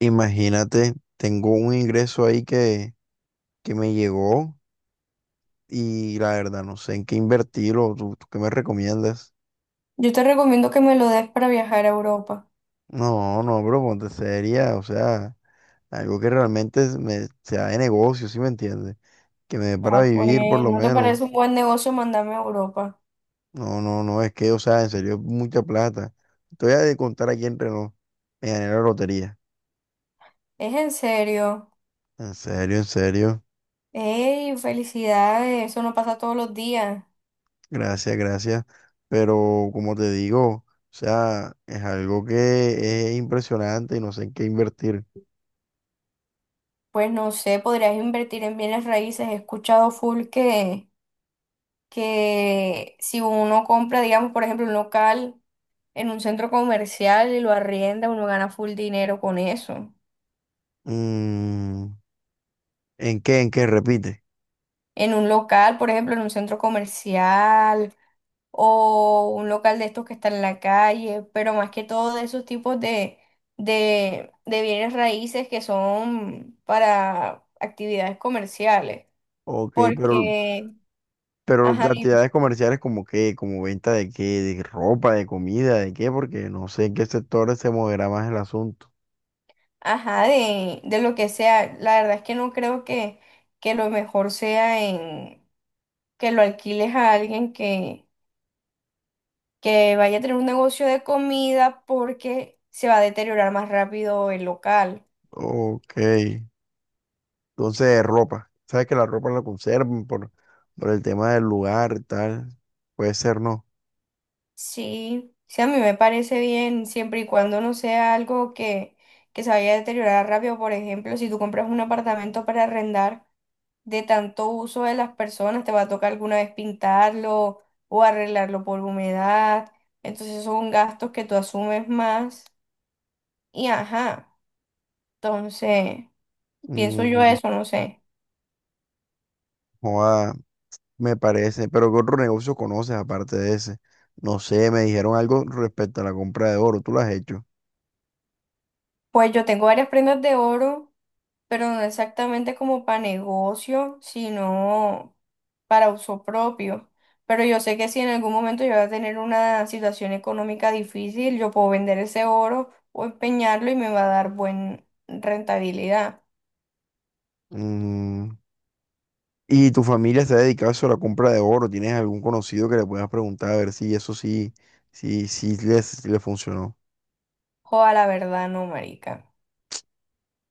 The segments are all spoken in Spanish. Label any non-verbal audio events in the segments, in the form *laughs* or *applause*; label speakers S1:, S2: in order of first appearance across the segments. S1: Imagínate, tengo un ingreso ahí que me llegó y la verdad no sé en qué invertirlo. ¿Tú qué me recomiendas?
S2: Yo te recomiendo que me lo des para viajar a Europa.
S1: No, no, bro, ponte seria. O sea, algo que realmente sea de negocio, ¿sí me entiendes? Que me dé para
S2: Ah,
S1: vivir por
S2: pues,
S1: lo
S2: ¿no te
S1: menos.
S2: parece un buen negocio mandarme a Europa?
S1: No, no, no, es que, o sea, en serio, es mucha plata. Te voy a contar aquí entre nos. Me gané la lotería.
S2: Es en serio.
S1: En serio, en serio.
S2: ¡Ey, felicidades! Eso no pasa todos los días.
S1: Gracias, gracias. Pero como te digo, o sea, es algo que es impresionante y no sé en qué invertir.
S2: Pues no sé, podrías invertir en bienes raíces. He escuchado full que si uno compra, digamos, por ejemplo, un local en un centro comercial y lo arrienda, uno gana full dinero con eso.
S1: Mm, ¿en qué? ¿En qué? Repite.
S2: En un local, por ejemplo, en un centro comercial, o un local de estos que está en la calle, pero más que todo de esos tipos de bienes raíces que son para actividades comerciales,
S1: Ok, pero,
S2: porque,
S1: pero las
S2: ajá, dime,
S1: actividades comerciales como qué, como venta de qué, de ropa, de comida, de qué, porque no sé en qué sectores se moverá más el asunto.
S2: ajá, de lo que sea, la verdad es que no creo que lo mejor sea en que lo alquiles a alguien que vaya a tener un negocio de comida porque se va a deteriorar más rápido el local.
S1: Ok, entonces ropa. Sabes que la ropa la conservan por el tema del lugar, y tal. Puede ser, ¿no?
S2: Sí, sí, a mí me parece bien siempre y cuando no sea algo que se vaya a deteriorar rápido. Por ejemplo, si tú compras un apartamento para arrendar, de tanto uso de las personas, te va a tocar alguna vez pintarlo o arreglarlo por humedad. Entonces son gastos que tú asumes más. Y ajá, entonces pienso yo
S1: Mm,
S2: eso, no sé.
S1: joda. Me parece, pero ¿qué otro negocio conoces aparte de ese? No sé, me dijeron algo respecto a la compra de oro, ¿tú lo has hecho?
S2: Pues yo tengo varias prendas de oro pero no exactamente como para negocio, sino para uso propio. Pero yo sé que si en algún momento yo voy a tener una situación económica difícil, yo puedo vender ese oro o empeñarlo y me va a dar buena rentabilidad.
S1: Mm, ¿y tu familia se ha dedicado a eso, a la compra de oro? ¿Tienes algún conocido que le puedas preguntar a ver si eso sí, sí, sí le funcionó?
S2: Joda, la verdad no, marica.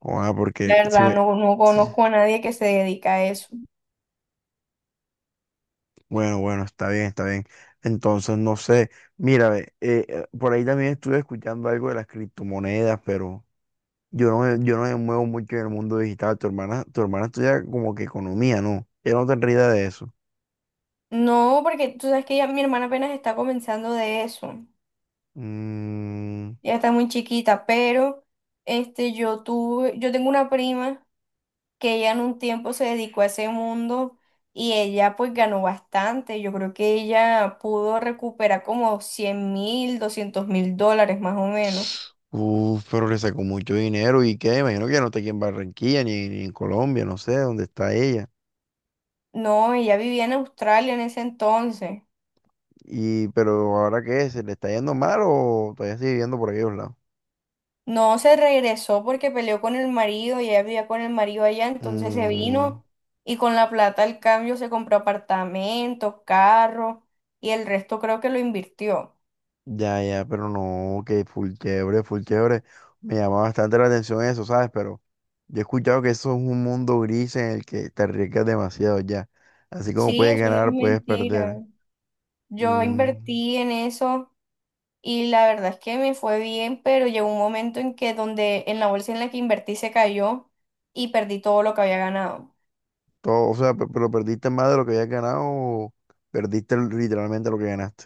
S1: O, ah, porque
S2: La
S1: si
S2: verdad
S1: me...
S2: no, no
S1: sí.
S2: conozco a nadie que se dedica a eso.
S1: Bueno, bueno, está bien, está bien. Entonces, no sé, mira, ve, por ahí también estuve escuchando algo de las criptomonedas, pero... Yo no, yo no me muevo mucho en el mundo digital. Tu hermana estudia como que economía, ¿no? Ella no tendría idea de eso.
S2: No, porque tú sabes que ya mi hermana apenas está comenzando de eso.
S1: Mm,
S2: Ya está muy chiquita, pero este, yo tengo una prima que ella en un tiempo se dedicó a ese mundo y ella pues ganó bastante. Yo creo que ella pudo recuperar como 100.000, 200.000 dólares más o menos.
S1: uf, pero le sacó mucho dinero y qué, imagino que ya no está aquí en Barranquilla ni en Colombia, no sé dónde está ella.
S2: No, ella vivía en Australia en ese entonces.
S1: Y, pero ahora qué, ¿se le está yendo mal o todavía sigue viviendo por aquellos lados?
S2: No se regresó porque peleó con el marido y ella vivía con el marido allá, entonces se
S1: Mm.
S2: vino y con la plata al cambio se compró apartamentos, carros y el resto creo que lo invirtió.
S1: Ya, ya, pero no, que full chévere, full chévere. Me llama bastante la atención eso, ¿sabes? Pero yo he escuchado que eso es un mundo gris en el que te arriesgas demasiado ya. Así como
S2: Sí,
S1: puedes
S2: eso no es
S1: ganar, puedes
S2: mentira.
S1: perder.
S2: Yo
S1: Mm,
S2: invertí en eso y la verdad es que me fue bien, pero llegó un momento en que donde en la bolsa en la que invertí se cayó y perdí todo lo que había ganado.
S1: todo, o sea, pero perdiste más de lo que habías ganado o perdiste literalmente lo que ganaste.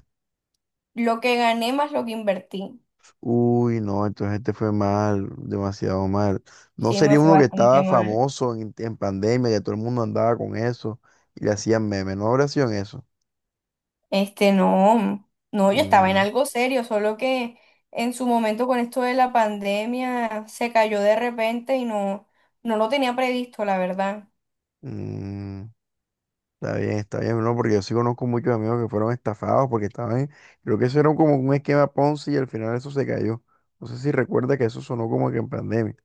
S2: Lo que gané más lo que invertí.
S1: Uy, no, entonces este fue mal, demasiado mal. No
S2: Sí,
S1: sería
S2: me fue
S1: uno que
S2: bastante
S1: estaba
S2: mal.
S1: famoso en pandemia, que todo el mundo andaba con eso y le hacían memes, no habría sido en eso.
S2: Este, no, no, yo estaba en
S1: Mm.
S2: algo serio, solo que en su momento con esto de la pandemia se cayó de repente y no, no lo tenía previsto, la verdad.
S1: Mm, está bien, no, porque yo sí conozco muchos amigos que fueron estafados porque estaban, creo que eso era como un esquema Ponzi y al final eso se cayó. No sé si recuerda que eso sonó como que en pandemia.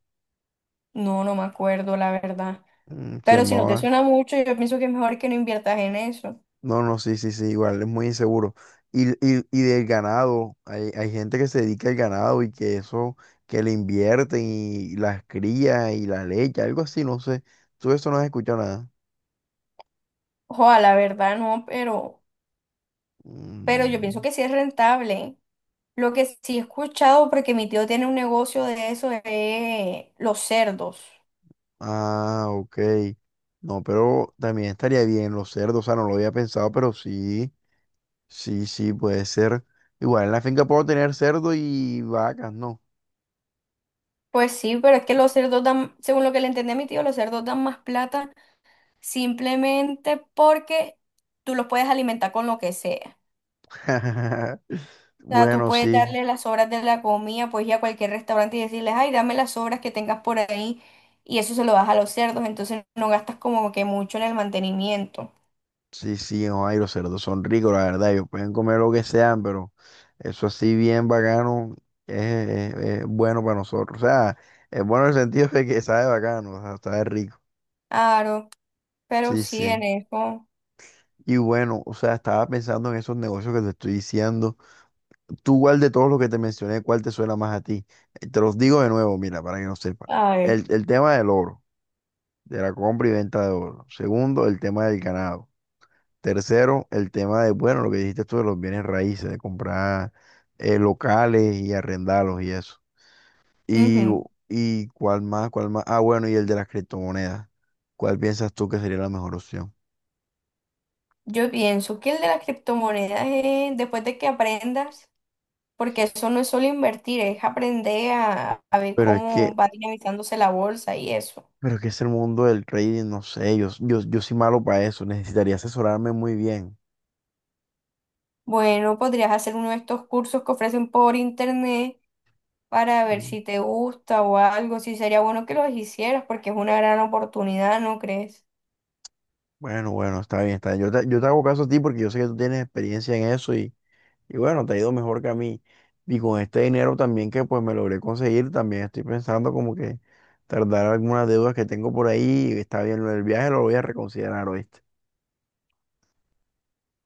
S2: No, no me acuerdo, la verdad.
S1: Mm, se
S2: Pero si no te
S1: llamaba,
S2: suena mucho, yo pienso que es mejor que no inviertas en eso.
S1: no, no, sí, sí, sí, igual, es muy inseguro. Y del ganado, hay gente que se dedica al ganado y que eso, que le invierten y las cría y la leche, algo así, no sé. Tú de eso no has escuchado nada.
S2: Ojalá, la verdad, no, pero yo pienso
S1: Mm.
S2: que sí es rentable. Lo que sí he escuchado, porque mi tío tiene un negocio de eso, es los cerdos.
S1: Ah, ok. No, pero también estaría bien los cerdos, o sea, no lo había pensado, pero sí, sí, sí, puede ser. Igual en la finca puedo tener cerdo y vacas, ¿no?
S2: Pues sí, pero es que los cerdos dan, según lo que le entendí a mi tío, los cerdos dan más plata simplemente porque tú los puedes alimentar con lo que sea.
S1: *laughs*
S2: O sea, tú
S1: Bueno,
S2: puedes
S1: sí,
S2: darle las sobras de la comida, pues ir a cualquier restaurante y decirles, ay, dame las sobras que tengas por ahí, y eso se lo das a los cerdos, entonces no gastas como que mucho en el mantenimiento.
S1: sí, sí, no, ay, los cerdos son ricos, la verdad, ellos pueden comer lo que sean, pero eso así bien bacano es, es- es bueno para nosotros, o sea, es bueno en el sentido de que sabe bacano, o sea, sabe rico,
S2: Claro, pero
S1: sí,
S2: sí en
S1: sí.
S2: eso.
S1: Y bueno, o sea, estaba pensando en esos negocios que te estoy diciendo. Tú, ¿cuál de todos los que te mencioné, cuál te suena más a ti? Te los digo de nuevo, mira, para que no sepan.
S2: Ay.
S1: El tema del oro, de la compra y venta de oro. Segundo, el tema del ganado. Tercero, el tema de, bueno, lo que dijiste tú de los bienes raíces, de comprar locales y arrendarlos y eso. Y,
S2: Ujú.
S1: y cuál más, cuál más. Ah, bueno, y el de las criptomonedas. ¿Cuál piensas tú que sería la mejor opción?
S2: Yo pienso que el de las criptomonedas es después de que aprendas, porque eso no es solo invertir, es aprender a ver
S1: Pero es que,
S2: cómo va dinamizándose la bolsa y eso.
S1: pero es que es el mundo del trading, no sé, yo soy malo para eso, necesitaría asesorarme muy bien.
S2: Bueno, podrías hacer uno de estos cursos que ofrecen por internet para ver
S1: Mm.
S2: si te gusta o algo, si sería bueno que los hicieras, porque es una gran oportunidad, ¿no crees?
S1: Bueno, bueno, está bien, está bien. Yo te hago caso a ti porque yo sé que tú tienes experiencia en eso y bueno, te ha ido mejor que a mí. Y con este dinero también que pues me logré conseguir, también estoy pensando como que tardar algunas deudas que tengo por ahí. Está bien, lo del viaje lo voy a reconsiderar, ¿oíste?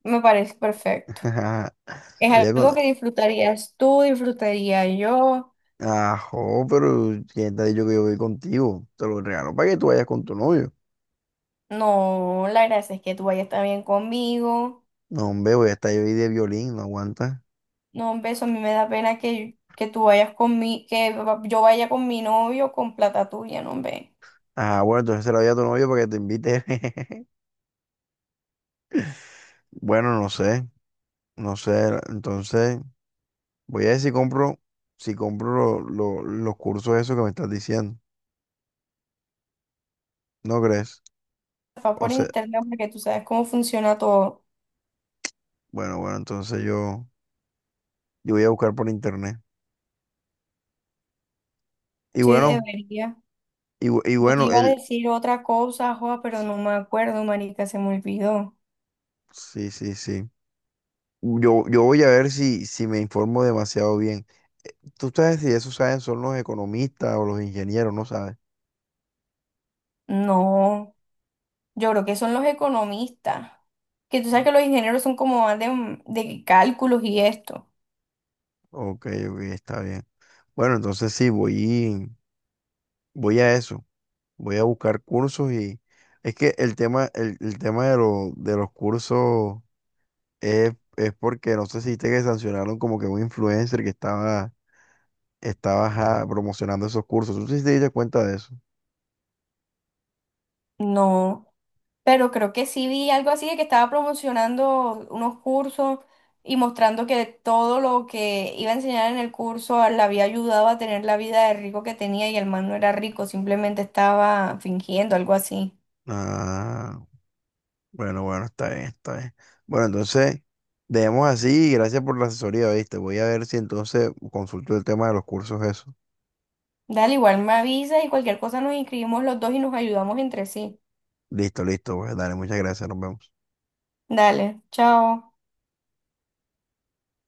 S2: Me parece perfecto.
S1: *laughs* Voy
S2: Es
S1: a
S2: algo
S1: con-
S2: que disfrutarías tú, disfrutaría yo.
S1: Ajo, pero ¿quién te ha dicho que yo voy contigo? Te lo regalo para que tú vayas con tu novio.
S2: No, la gracia es que tú vayas también conmigo.
S1: No, hombre, voy a estar yo ahí de violín, no aguanta.
S2: No, un beso, a mí me da pena que tú vayas con mi, yo vaya con mi novio con plata tuya, no, hombre.
S1: Ah, bueno, entonces se la voy a tu novio para que te invite. *laughs* Bueno, no sé. No sé, entonces voy a ver si compro, si compro los cursos esos que me estás diciendo. ¿No crees?
S2: Va
S1: O
S2: por
S1: sea,
S2: internet porque tú sabes cómo funciona todo.
S1: bueno, bueno, entonces yo voy a buscar por internet. Y
S2: Sí,
S1: bueno,
S2: debería.
S1: y, y
S2: Yo te
S1: bueno,
S2: iba a
S1: el,
S2: decir otra cosa, Joa, pero no me acuerdo, marica, se me olvidó.
S1: sí, sí, sí. Yo voy a ver si, si me informo demasiado bien. Tú sabes si eso saben son los economistas o los ingenieros, ¿no sabes?
S2: No, yo creo que son los economistas. Que tú sabes que los ingenieros son como más de cálculos y esto.
S1: Ok, ok, está bien. Bueno, entonces sí, voy, voy a eso. Voy a buscar cursos y es que el tema, el tema de, de los cursos es porque no sé si viste que sancionaron como que un influencer que estaba, estaba ajá, promocionando esos cursos. ¿Tú sí te diste cuenta de eso?
S2: No. Pero creo que sí vi algo así de que estaba promocionando unos cursos y mostrando que todo lo que iba a enseñar en el curso le había ayudado a tener la vida de rico que tenía y el man no era rico, simplemente estaba fingiendo algo así.
S1: Ah, bueno, bueno, está bien, está bien. Bueno, entonces, dejemos así y gracias por la asesoría, ¿viste? Voy a ver si entonces consulto el tema de los cursos eso.
S2: Dale, igual me avisa y cualquier cosa nos inscribimos los dos y nos ayudamos entre sí.
S1: Listo, listo, pues dale, muchas gracias, nos vemos.
S2: Dale, chao.